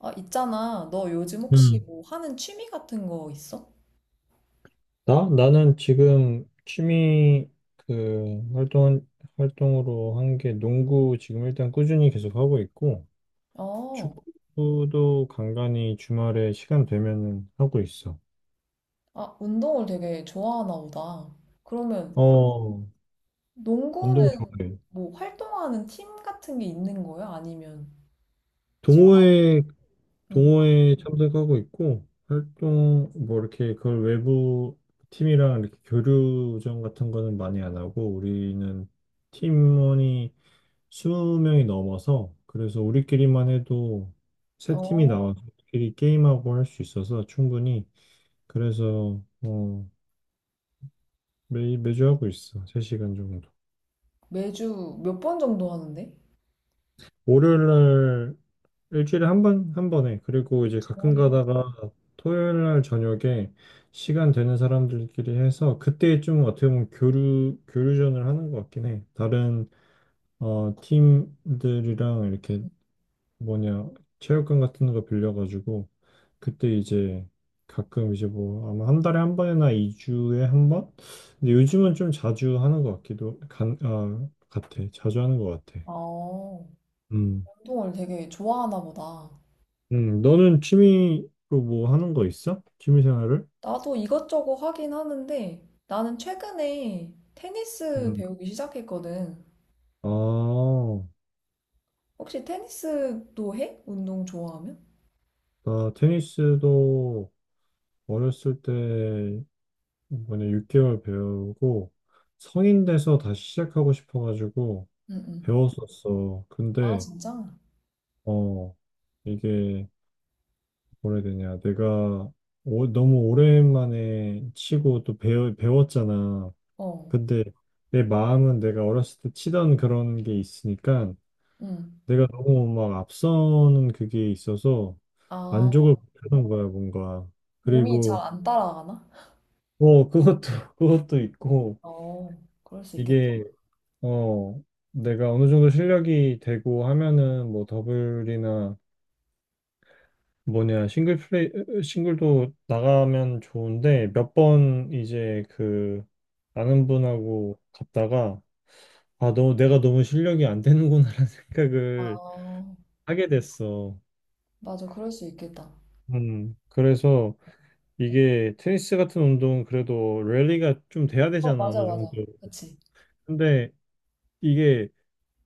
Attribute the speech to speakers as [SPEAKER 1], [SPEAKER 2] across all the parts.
[SPEAKER 1] 아, 있잖아. 너 요즘 혹시
[SPEAKER 2] 음.
[SPEAKER 1] 뭐 하는 취미 같은 거 있어?
[SPEAKER 2] 나? 나는 지금 취미 그 활동으로 한 게 농구 지금 일단 꾸준히 계속 하고 있고,
[SPEAKER 1] 어,
[SPEAKER 2] 축구도 간간히 주말에 시간 되면은 하고 있어.
[SPEAKER 1] 아, 운동을 되게 좋아하나 보다. 그러면
[SPEAKER 2] 어, 운동
[SPEAKER 1] 농구는
[SPEAKER 2] 좋아해.
[SPEAKER 1] 뭐 활동하는 팀 같은 게 있는 거야? 아니면 친구?
[SPEAKER 2] 동호회,
[SPEAKER 1] 응.
[SPEAKER 2] 동호회 참석하고 있고, 활동, 뭐 이렇게 그걸 외부 팀이랑 이렇게 교류전 같은 거는 많이 안 하고, 우리는 팀원이 20명이 넘어서 그래서 우리끼리만 해도 세 팀이
[SPEAKER 1] 어,
[SPEAKER 2] 나와서 우리끼리 게임하고 할 수 있어서 충분히 그래서 매주 하고 있어. 3시간 정도.
[SPEAKER 1] 매주 몇 번 정도 하는데?
[SPEAKER 2] 월요일 날 일주일에 한 번, 한 번에. 그리고 이제
[SPEAKER 1] 주에
[SPEAKER 2] 가끔
[SPEAKER 1] 한 번.
[SPEAKER 2] 가다가 토요일 날 저녁에 시간 되는 사람들끼리 해서 그때 좀 어떻게 보면 교류전을 하는 것 같긴 해. 다른, 팀들이랑 이렇게 뭐냐 체육관 같은 거 빌려가지고 그때 이제 가끔 이제 뭐 아마 한 달에 한 번이나 2주에 한 번? 근데 요즘은 좀 자주 하는 것 같기도 같아. 자주 하는 것 같아.
[SPEAKER 1] 어,
[SPEAKER 2] 음.
[SPEAKER 1] 운동을 되게 좋아하나 보다.
[SPEAKER 2] 너는 취미로 뭐 하는 거 있어? 취미 생활을?
[SPEAKER 1] 나도 이것저것 하긴 하는데 나는 최근에 테니스
[SPEAKER 2] 음.
[SPEAKER 1] 배우기 시작했거든.
[SPEAKER 2] 아,
[SPEAKER 1] 혹시 테니스도 해? 운동 좋아하면?
[SPEAKER 2] 나 테니스도 어렸을 때 이번에 6개월 배우고 성인 돼서 다시 시작하고 싶어가지고
[SPEAKER 1] 응응.
[SPEAKER 2] 배웠었어.
[SPEAKER 1] 아,
[SPEAKER 2] 근데
[SPEAKER 1] 진짜?
[SPEAKER 2] 어, 이게 뭐라 해야 되냐. 내가 너무 오랜만에 치고 또 배웠잖아.
[SPEAKER 1] 어,
[SPEAKER 2] 근데 내 마음은 내가 어렸을 때 치던 그런 게 있으니까
[SPEAKER 1] 응.
[SPEAKER 2] 내가 너무 막 앞서는 그게 있어서
[SPEAKER 1] 아,
[SPEAKER 2] 만족을 못하는 거야, 뭔가.
[SPEAKER 1] 몸이 잘
[SPEAKER 2] 그리고
[SPEAKER 1] 안 따라가나?
[SPEAKER 2] 뭐 그것도 그것도 있고
[SPEAKER 1] 어, 그럴 수 있겠다.
[SPEAKER 2] 이게 어 내가 어느 정도 실력이 되고 하면은 뭐 더블이나 뭐냐 싱글도 나가면 좋은데 몇 번 이제 그 아는 분하고 갔다가 아 너 내가 너무 실력이 안 되는구나라는 생각을
[SPEAKER 1] 아,
[SPEAKER 2] 하게 됐어.
[SPEAKER 1] 맞아, 그럴 수 있겠다.
[SPEAKER 2] 그래서 이게 테니스 같은 운동은 그래도 랠리가 좀 돼야
[SPEAKER 1] 어,
[SPEAKER 2] 되잖아
[SPEAKER 1] 맞아,
[SPEAKER 2] 어느 정도.
[SPEAKER 1] 맞아. 그치.
[SPEAKER 2] 근데 이게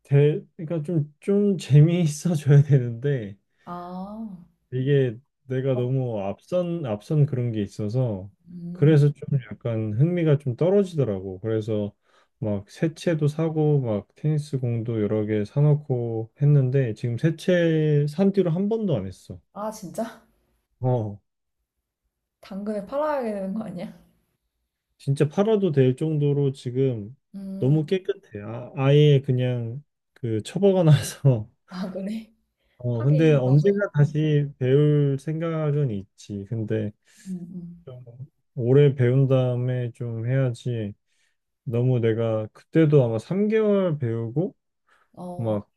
[SPEAKER 2] 대 그러니까 좀 재미있어 져야 되는데
[SPEAKER 1] 아,
[SPEAKER 2] 이게 내가
[SPEAKER 1] 어,
[SPEAKER 2] 너무 앞선 그런 게 있어서
[SPEAKER 1] 음.
[SPEAKER 2] 그래서 좀 약간 흥미가 좀 떨어지더라고. 그래서 막 새채도 사고 막 테니스 공도 여러 개 사놓고 했는데 지금 새채 산 뒤로 한 번도 안 했어.
[SPEAKER 1] 아, 진짜?
[SPEAKER 2] 어,
[SPEAKER 1] 당근에 팔아야 되는 거 아니야?
[SPEAKER 2] 진짜 팔아도 될 정도로 지금 너무
[SPEAKER 1] 음,
[SPEAKER 2] 깨끗해. 아, 아예 그냥 그 처박아 놔서.
[SPEAKER 1] 아, 그래?
[SPEAKER 2] 어, 근데
[SPEAKER 1] 하긴, 맞아.
[SPEAKER 2] 언젠가 다시 배울 생각은 있지. 근데
[SPEAKER 1] 음, 음.
[SPEAKER 2] 좀 오래 배운 다음에 좀 해야지. 너무 내가 그때도 아마 3개월 배우고
[SPEAKER 1] 어,
[SPEAKER 2] 막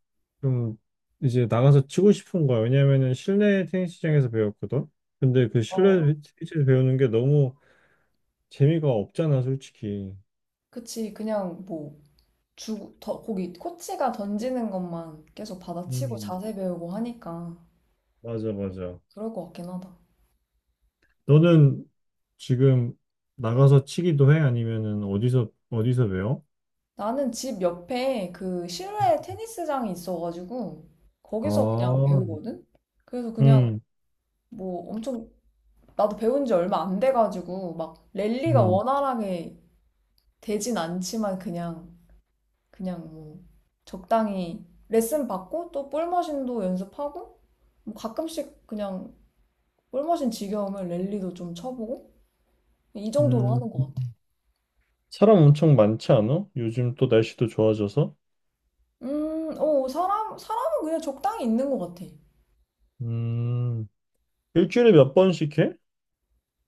[SPEAKER 2] 좀 이제 나가서 치고 싶은 거야. 왜냐면은 실내 테니스장에서 배웠거든. 근데 그
[SPEAKER 1] 어,
[SPEAKER 2] 실내 테니스에서 배우는 게 너무 재미가 없잖아, 솔직히.
[SPEAKER 1] 그치. 그냥 뭐, 주, 더, 거기, 코치가 던지는 것만 계속 받아치고
[SPEAKER 2] 음,
[SPEAKER 1] 자세 배우고 하니까
[SPEAKER 2] 맞아, 맞아.
[SPEAKER 1] 그럴 것 같긴 하다.
[SPEAKER 2] 너는 지금 나가서 치기도 해? 아니면은 어디서 배워?
[SPEAKER 1] 나는 집 옆에 그 실내 테니스장이 있어가지고 거기서 그냥
[SPEAKER 2] 아,
[SPEAKER 1] 배우거든? 그래서 그냥
[SPEAKER 2] 음,
[SPEAKER 1] 뭐 엄청 나도 배운 지 얼마 안 돼가지고 막 랠리가
[SPEAKER 2] 음,
[SPEAKER 1] 원활하게 되진 않지만 그냥 그냥 뭐 적당히 레슨 받고 또 볼머신도 연습하고 뭐 가끔씩 그냥 볼머신 지겨우면 랠리도 좀 쳐보고 이 정도로
[SPEAKER 2] 음.
[SPEAKER 1] 하는 것 같아.
[SPEAKER 2] 사람 엄청 많지 않아? 요즘 또 날씨도 좋아져서.
[SPEAKER 1] 오, 사람, 사람은 그냥 적당히 있는 것 같아.
[SPEAKER 2] 음, 일주일에 몇 번씩 해?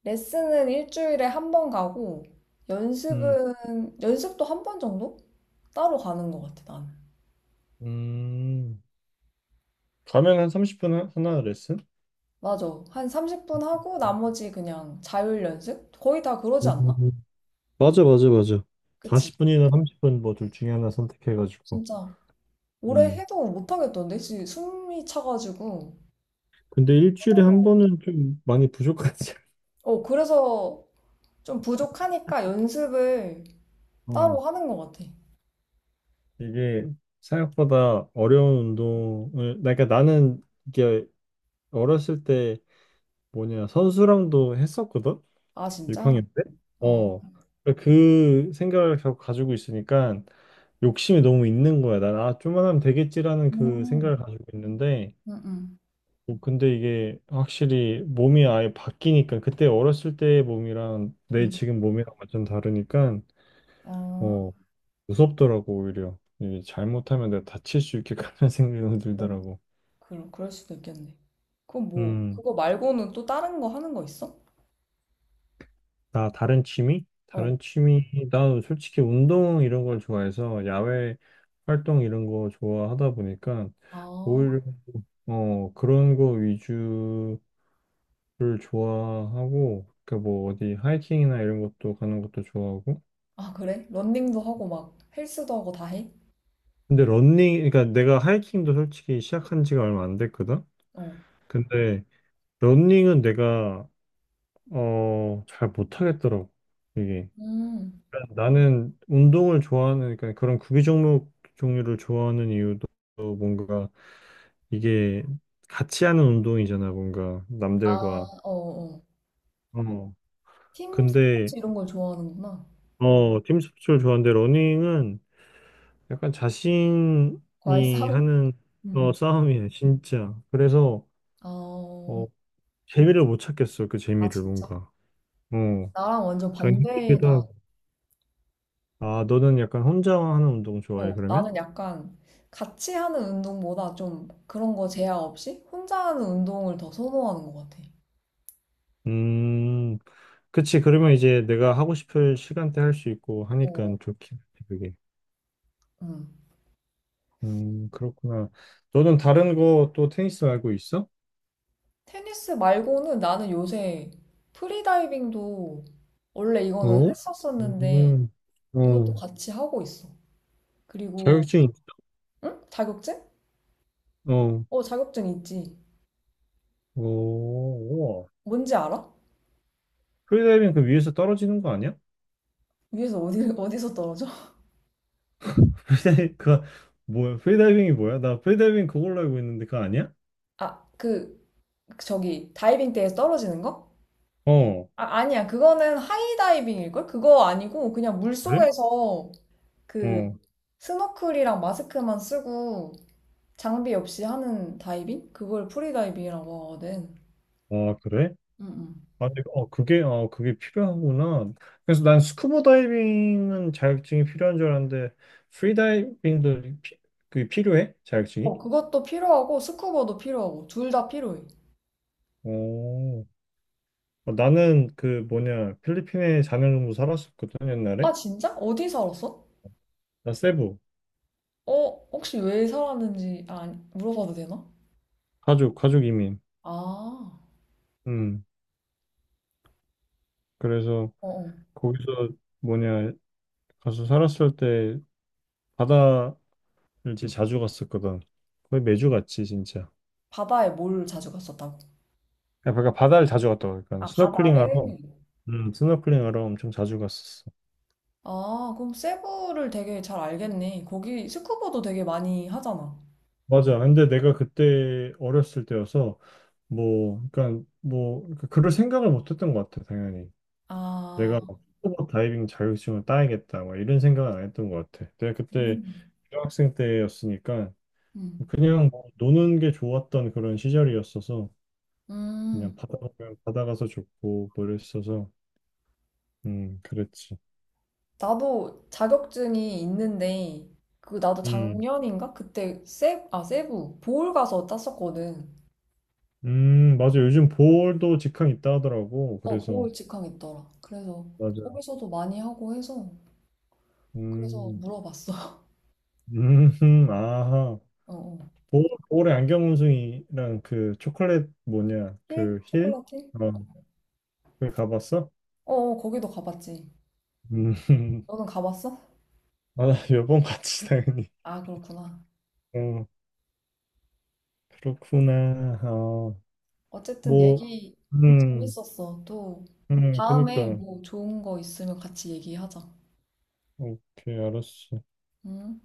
[SPEAKER 1] 레슨은 일주일에 한 번 가고, 연습은, 연습도 한 번 정도? 따로 가는 것 같아, 나는.
[SPEAKER 2] 음, 가면 한 30분 하나 레슨?
[SPEAKER 1] 맞아. 한 30분 하고, 나머지 그냥 자율 연습? 거의 다 그러지 않나?
[SPEAKER 2] 음, 맞아, 맞아, 맞아.
[SPEAKER 1] 그치?
[SPEAKER 2] 40분이나 30분 뭐 둘 중에 하나 선택해가지고.
[SPEAKER 1] 진짜. 오래
[SPEAKER 2] 음,
[SPEAKER 1] 해도 못하겠던데? 숨이 차가지고.
[SPEAKER 2] 근데 일주일에
[SPEAKER 1] 하는
[SPEAKER 2] 한
[SPEAKER 1] 거.
[SPEAKER 2] 번은 좀 많이 부족하지.
[SPEAKER 1] 어, 그래서 좀 부족하니까 연습을 따로
[SPEAKER 2] 어,
[SPEAKER 1] 하는 것 같아.
[SPEAKER 2] 이게 생각보다 어려운 운동을, 그러니까 나는 이게 어렸을 때 뭐냐, 선수랑도 했었거든?
[SPEAKER 1] 아,
[SPEAKER 2] 육학
[SPEAKER 1] 진짜?
[SPEAKER 2] 년 때?
[SPEAKER 1] 어.
[SPEAKER 2] 어. 그러니까 그 생각을 계속 가지고 있으니까 욕심이 너무 있는 거야. 난, 좀만 하면 되겠지라는 그
[SPEAKER 1] 음,
[SPEAKER 2] 생각을 가지고 있는데,
[SPEAKER 1] 음, 음.
[SPEAKER 2] 어, 근데 이게 확실히 몸이 아예 바뀌니까, 그때 어렸을 때의 몸이랑 내
[SPEAKER 1] 음.
[SPEAKER 2] 지금 몸이랑 완전 다르니까,
[SPEAKER 1] 아.
[SPEAKER 2] 어, 무섭더라고, 오히려. 이게 잘못하면 내가 다칠 수 있겠구나 생각이 들더라고.
[SPEAKER 1] 그럴, 그럴 수도 있겠네. 그럼 뭐,
[SPEAKER 2] 음.
[SPEAKER 1] 그거 말고는 또 다른 거 하는 거 있어?
[SPEAKER 2] 나 다른 취미?
[SPEAKER 1] 어.
[SPEAKER 2] 다른 취미, 나 솔직히 운동 이런 걸 좋아해서 야외 활동 이런 거 좋아하다 보니까
[SPEAKER 1] 아,
[SPEAKER 2] 오히려 그런 거 위주를 좋아하고 그러니까 뭐 어디 하이킹이나 이런 것도 가는 것도 좋아하고
[SPEAKER 1] 아, 그래? 런닝도 하고 막 헬스도 하고 다 해?
[SPEAKER 2] 근데 러닝 그러니까 내가 하이킹도 솔직히 시작한 지가 얼마 안 됐거든.
[SPEAKER 1] 어.
[SPEAKER 2] 근데 러닝은 내가 잘 못하겠더라고 이게.
[SPEAKER 1] 음.
[SPEAKER 2] 나는 운동을 좋아하는, 그러니까 그런 구기 종목 종류를 좋아하는 이유도 뭔가 이게 같이 하는 운동이잖아, 뭔가
[SPEAKER 1] 아,
[SPEAKER 2] 남들과.
[SPEAKER 1] 어, 어.
[SPEAKER 2] 어.
[SPEAKER 1] 팀
[SPEAKER 2] 근데,
[SPEAKER 1] 스포츠 이런 걸 좋아하는구나.
[SPEAKER 2] 팀 스포츠를 좋아하는데 러닝은 약간
[SPEAKER 1] 과외
[SPEAKER 2] 자신이
[SPEAKER 1] 싸움?
[SPEAKER 2] 하는
[SPEAKER 1] 응,
[SPEAKER 2] 싸움이야, 진짜. 그래서,
[SPEAKER 1] 응.
[SPEAKER 2] 어,
[SPEAKER 1] 어,
[SPEAKER 2] 재미를 못 찾겠어, 그
[SPEAKER 1] 아,
[SPEAKER 2] 재미를
[SPEAKER 1] 진짜?
[SPEAKER 2] 뭔가. 어,
[SPEAKER 1] 나랑 완전
[SPEAKER 2] 당연히 힘들기도
[SPEAKER 1] 반대다.
[SPEAKER 2] 하고. 아, 너는 약간 혼자 하는 운동 좋아해,
[SPEAKER 1] 어,
[SPEAKER 2] 그러면?
[SPEAKER 1] 나는 약간 같이 하는 운동보다 좀 그런 거 제약 없이 혼자 하는 운동을 더 선호하는 것 같아.
[SPEAKER 2] 음. 그치, 그러면 이제 내가 하고 싶을 시간대 할 수 있고 하니까
[SPEAKER 1] 어.
[SPEAKER 2] 좋긴 해, 그게.
[SPEAKER 1] 응.
[SPEAKER 2] 그렇구나. 너는 다른 거 또 테니스 알고 있어?
[SPEAKER 1] 테니스 말고는 나는 요새 프리다이빙도 원래 이거는
[SPEAKER 2] 어?
[SPEAKER 1] 했었었는데
[SPEAKER 2] 음,
[SPEAKER 1] 이것도
[SPEAKER 2] 어,
[SPEAKER 1] 같이 하고 있어. 그리고
[SPEAKER 2] 자격증, 있-
[SPEAKER 1] 응? 자격증?
[SPEAKER 2] 어,
[SPEAKER 1] 어, 자격증 있지.
[SPEAKER 2] 어, 우와.
[SPEAKER 1] 뭔지 알아?
[SPEAKER 2] 프리다이빙 그 위에서 떨어지는 거 아니야?
[SPEAKER 1] 위에서 어디 어디서 떨어져?
[SPEAKER 2] 프리다이빙, 그, 뭐야, 프리다이빙이 뭐야? 나 프리다이빙 그걸로 알고 있는데 그거 아니야?
[SPEAKER 1] 아, 그 저기 다이빙 때에 떨어지는 거?
[SPEAKER 2] 어,
[SPEAKER 1] 아, 아니야. 그거는 하이다이빙일 걸? 그거 아니고 그냥
[SPEAKER 2] 그래?
[SPEAKER 1] 물속에서 그
[SPEAKER 2] 어,
[SPEAKER 1] 스노클이랑 마스크만 쓰고 장비 없이 하는 다이빙? 그걸 프리다이빙이라고 하거든.
[SPEAKER 2] 아, 그래?
[SPEAKER 1] 응응.
[SPEAKER 2] 아, 근데 그게 필요하구나. 그래서 난 스쿠버 다이빙은 자격증이 필요한 줄 알았는데, 프리다이빙도 그게 필요해?
[SPEAKER 1] 어,
[SPEAKER 2] 자격증이?
[SPEAKER 1] 그것도 필요하고 스쿠버도 필요하고 둘 다 필요해.
[SPEAKER 2] 오. 어, 나는 그 뭐냐, 필리핀에 4년 정도 살았었거든, 옛날에.
[SPEAKER 1] 아, 진짜? 어디 살았어?
[SPEAKER 2] 나 세부,
[SPEAKER 1] 어, 혹시 왜 살았는지 아, 물어봐도 되나?
[SPEAKER 2] 가족 이민.
[SPEAKER 1] 아,
[SPEAKER 2] 음, 그래서
[SPEAKER 1] 어, 어.
[SPEAKER 2] 거기서 뭐냐, 가서 살았을 때 바다를 진짜 자주 갔었거든. 거의 매주 갔지, 진짜.
[SPEAKER 1] 바다에 뭘 자주 갔었다고?
[SPEAKER 2] 그러니까 바다를 자주 갔다 고 그러니까
[SPEAKER 1] 아,
[SPEAKER 2] 스노클링하러
[SPEAKER 1] 바다를?
[SPEAKER 2] 음, 스노클링 하러 엄청 자주 갔었어.
[SPEAKER 1] 아, 그럼 세부를 되게 잘 알겠네. 거기 스쿠버도 되게 많이 하잖아.
[SPEAKER 2] 맞아. 근데 내가 그때 어렸을 때여서 뭐, 그러니까 그럴 생각을 못했던 것 같아. 당연히
[SPEAKER 1] 아,
[SPEAKER 2] 내가 막 스쿠버 다이빙 자격증을 따야겠다, 막 이런 생각은 안 했던 것 같아. 내가 그때
[SPEAKER 1] 음,
[SPEAKER 2] 중학생 때였으니까
[SPEAKER 1] 음.
[SPEAKER 2] 그냥 뭐 노는 게 좋았던 그런 시절이었어서 그냥
[SPEAKER 1] 음.
[SPEAKER 2] 바다 가면 바다 가서 좋고 뭐 이랬어서 그랬지.
[SPEAKER 1] 나도 자격증이 있는데, 그, 나도
[SPEAKER 2] 음,
[SPEAKER 1] 작년인가? 그때 세, 아, 세부, 보홀 가서 땄었거든.
[SPEAKER 2] 맞아. 요즘 볼도 직항 있다 하더라고.
[SPEAKER 1] 어,
[SPEAKER 2] 그래서
[SPEAKER 1] 보호 직항 있더라. 그래서
[SPEAKER 2] 맞아.
[SPEAKER 1] 거기서도 많이 하고 해서 그래서
[SPEAKER 2] 음.
[SPEAKER 1] 물어봤어.
[SPEAKER 2] 음, 아하.
[SPEAKER 1] 어, 어.
[SPEAKER 2] 보, 볼에 안경 운송이랑 그 초콜릿 뭐냐,
[SPEAKER 1] 힐?
[SPEAKER 2] 그 힐?
[SPEAKER 1] 초콜릿 힐?
[SPEAKER 2] 어, 거기 가봤어?
[SPEAKER 1] 어, 어, 거기도 가봤지.
[SPEAKER 2] 음,
[SPEAKER 1] 너는 가봤어?
[SPEAKER 2] 아, 몇 번 갔지, 당연히.
[SPEAKER 1] 아, 그렇구나.
[SPEAKER 2] 어, 그렇구나. 어,
[SPEAKER 1] 어쨌든
[SPEAKER 2] 뭐,
[SPEAKER 1] 얘기
[SPEAKER 2] 음,
[SPEAKER 1] 재밌었어. 또 다음에
[SPEAKER 2] 그니까.
[SPEAKER 1] 뭐 좋은 거 있으면 같이 얘기하자.
[SPEAKER 2] 오케이, 알았어.
[SPEAKER 1] 응?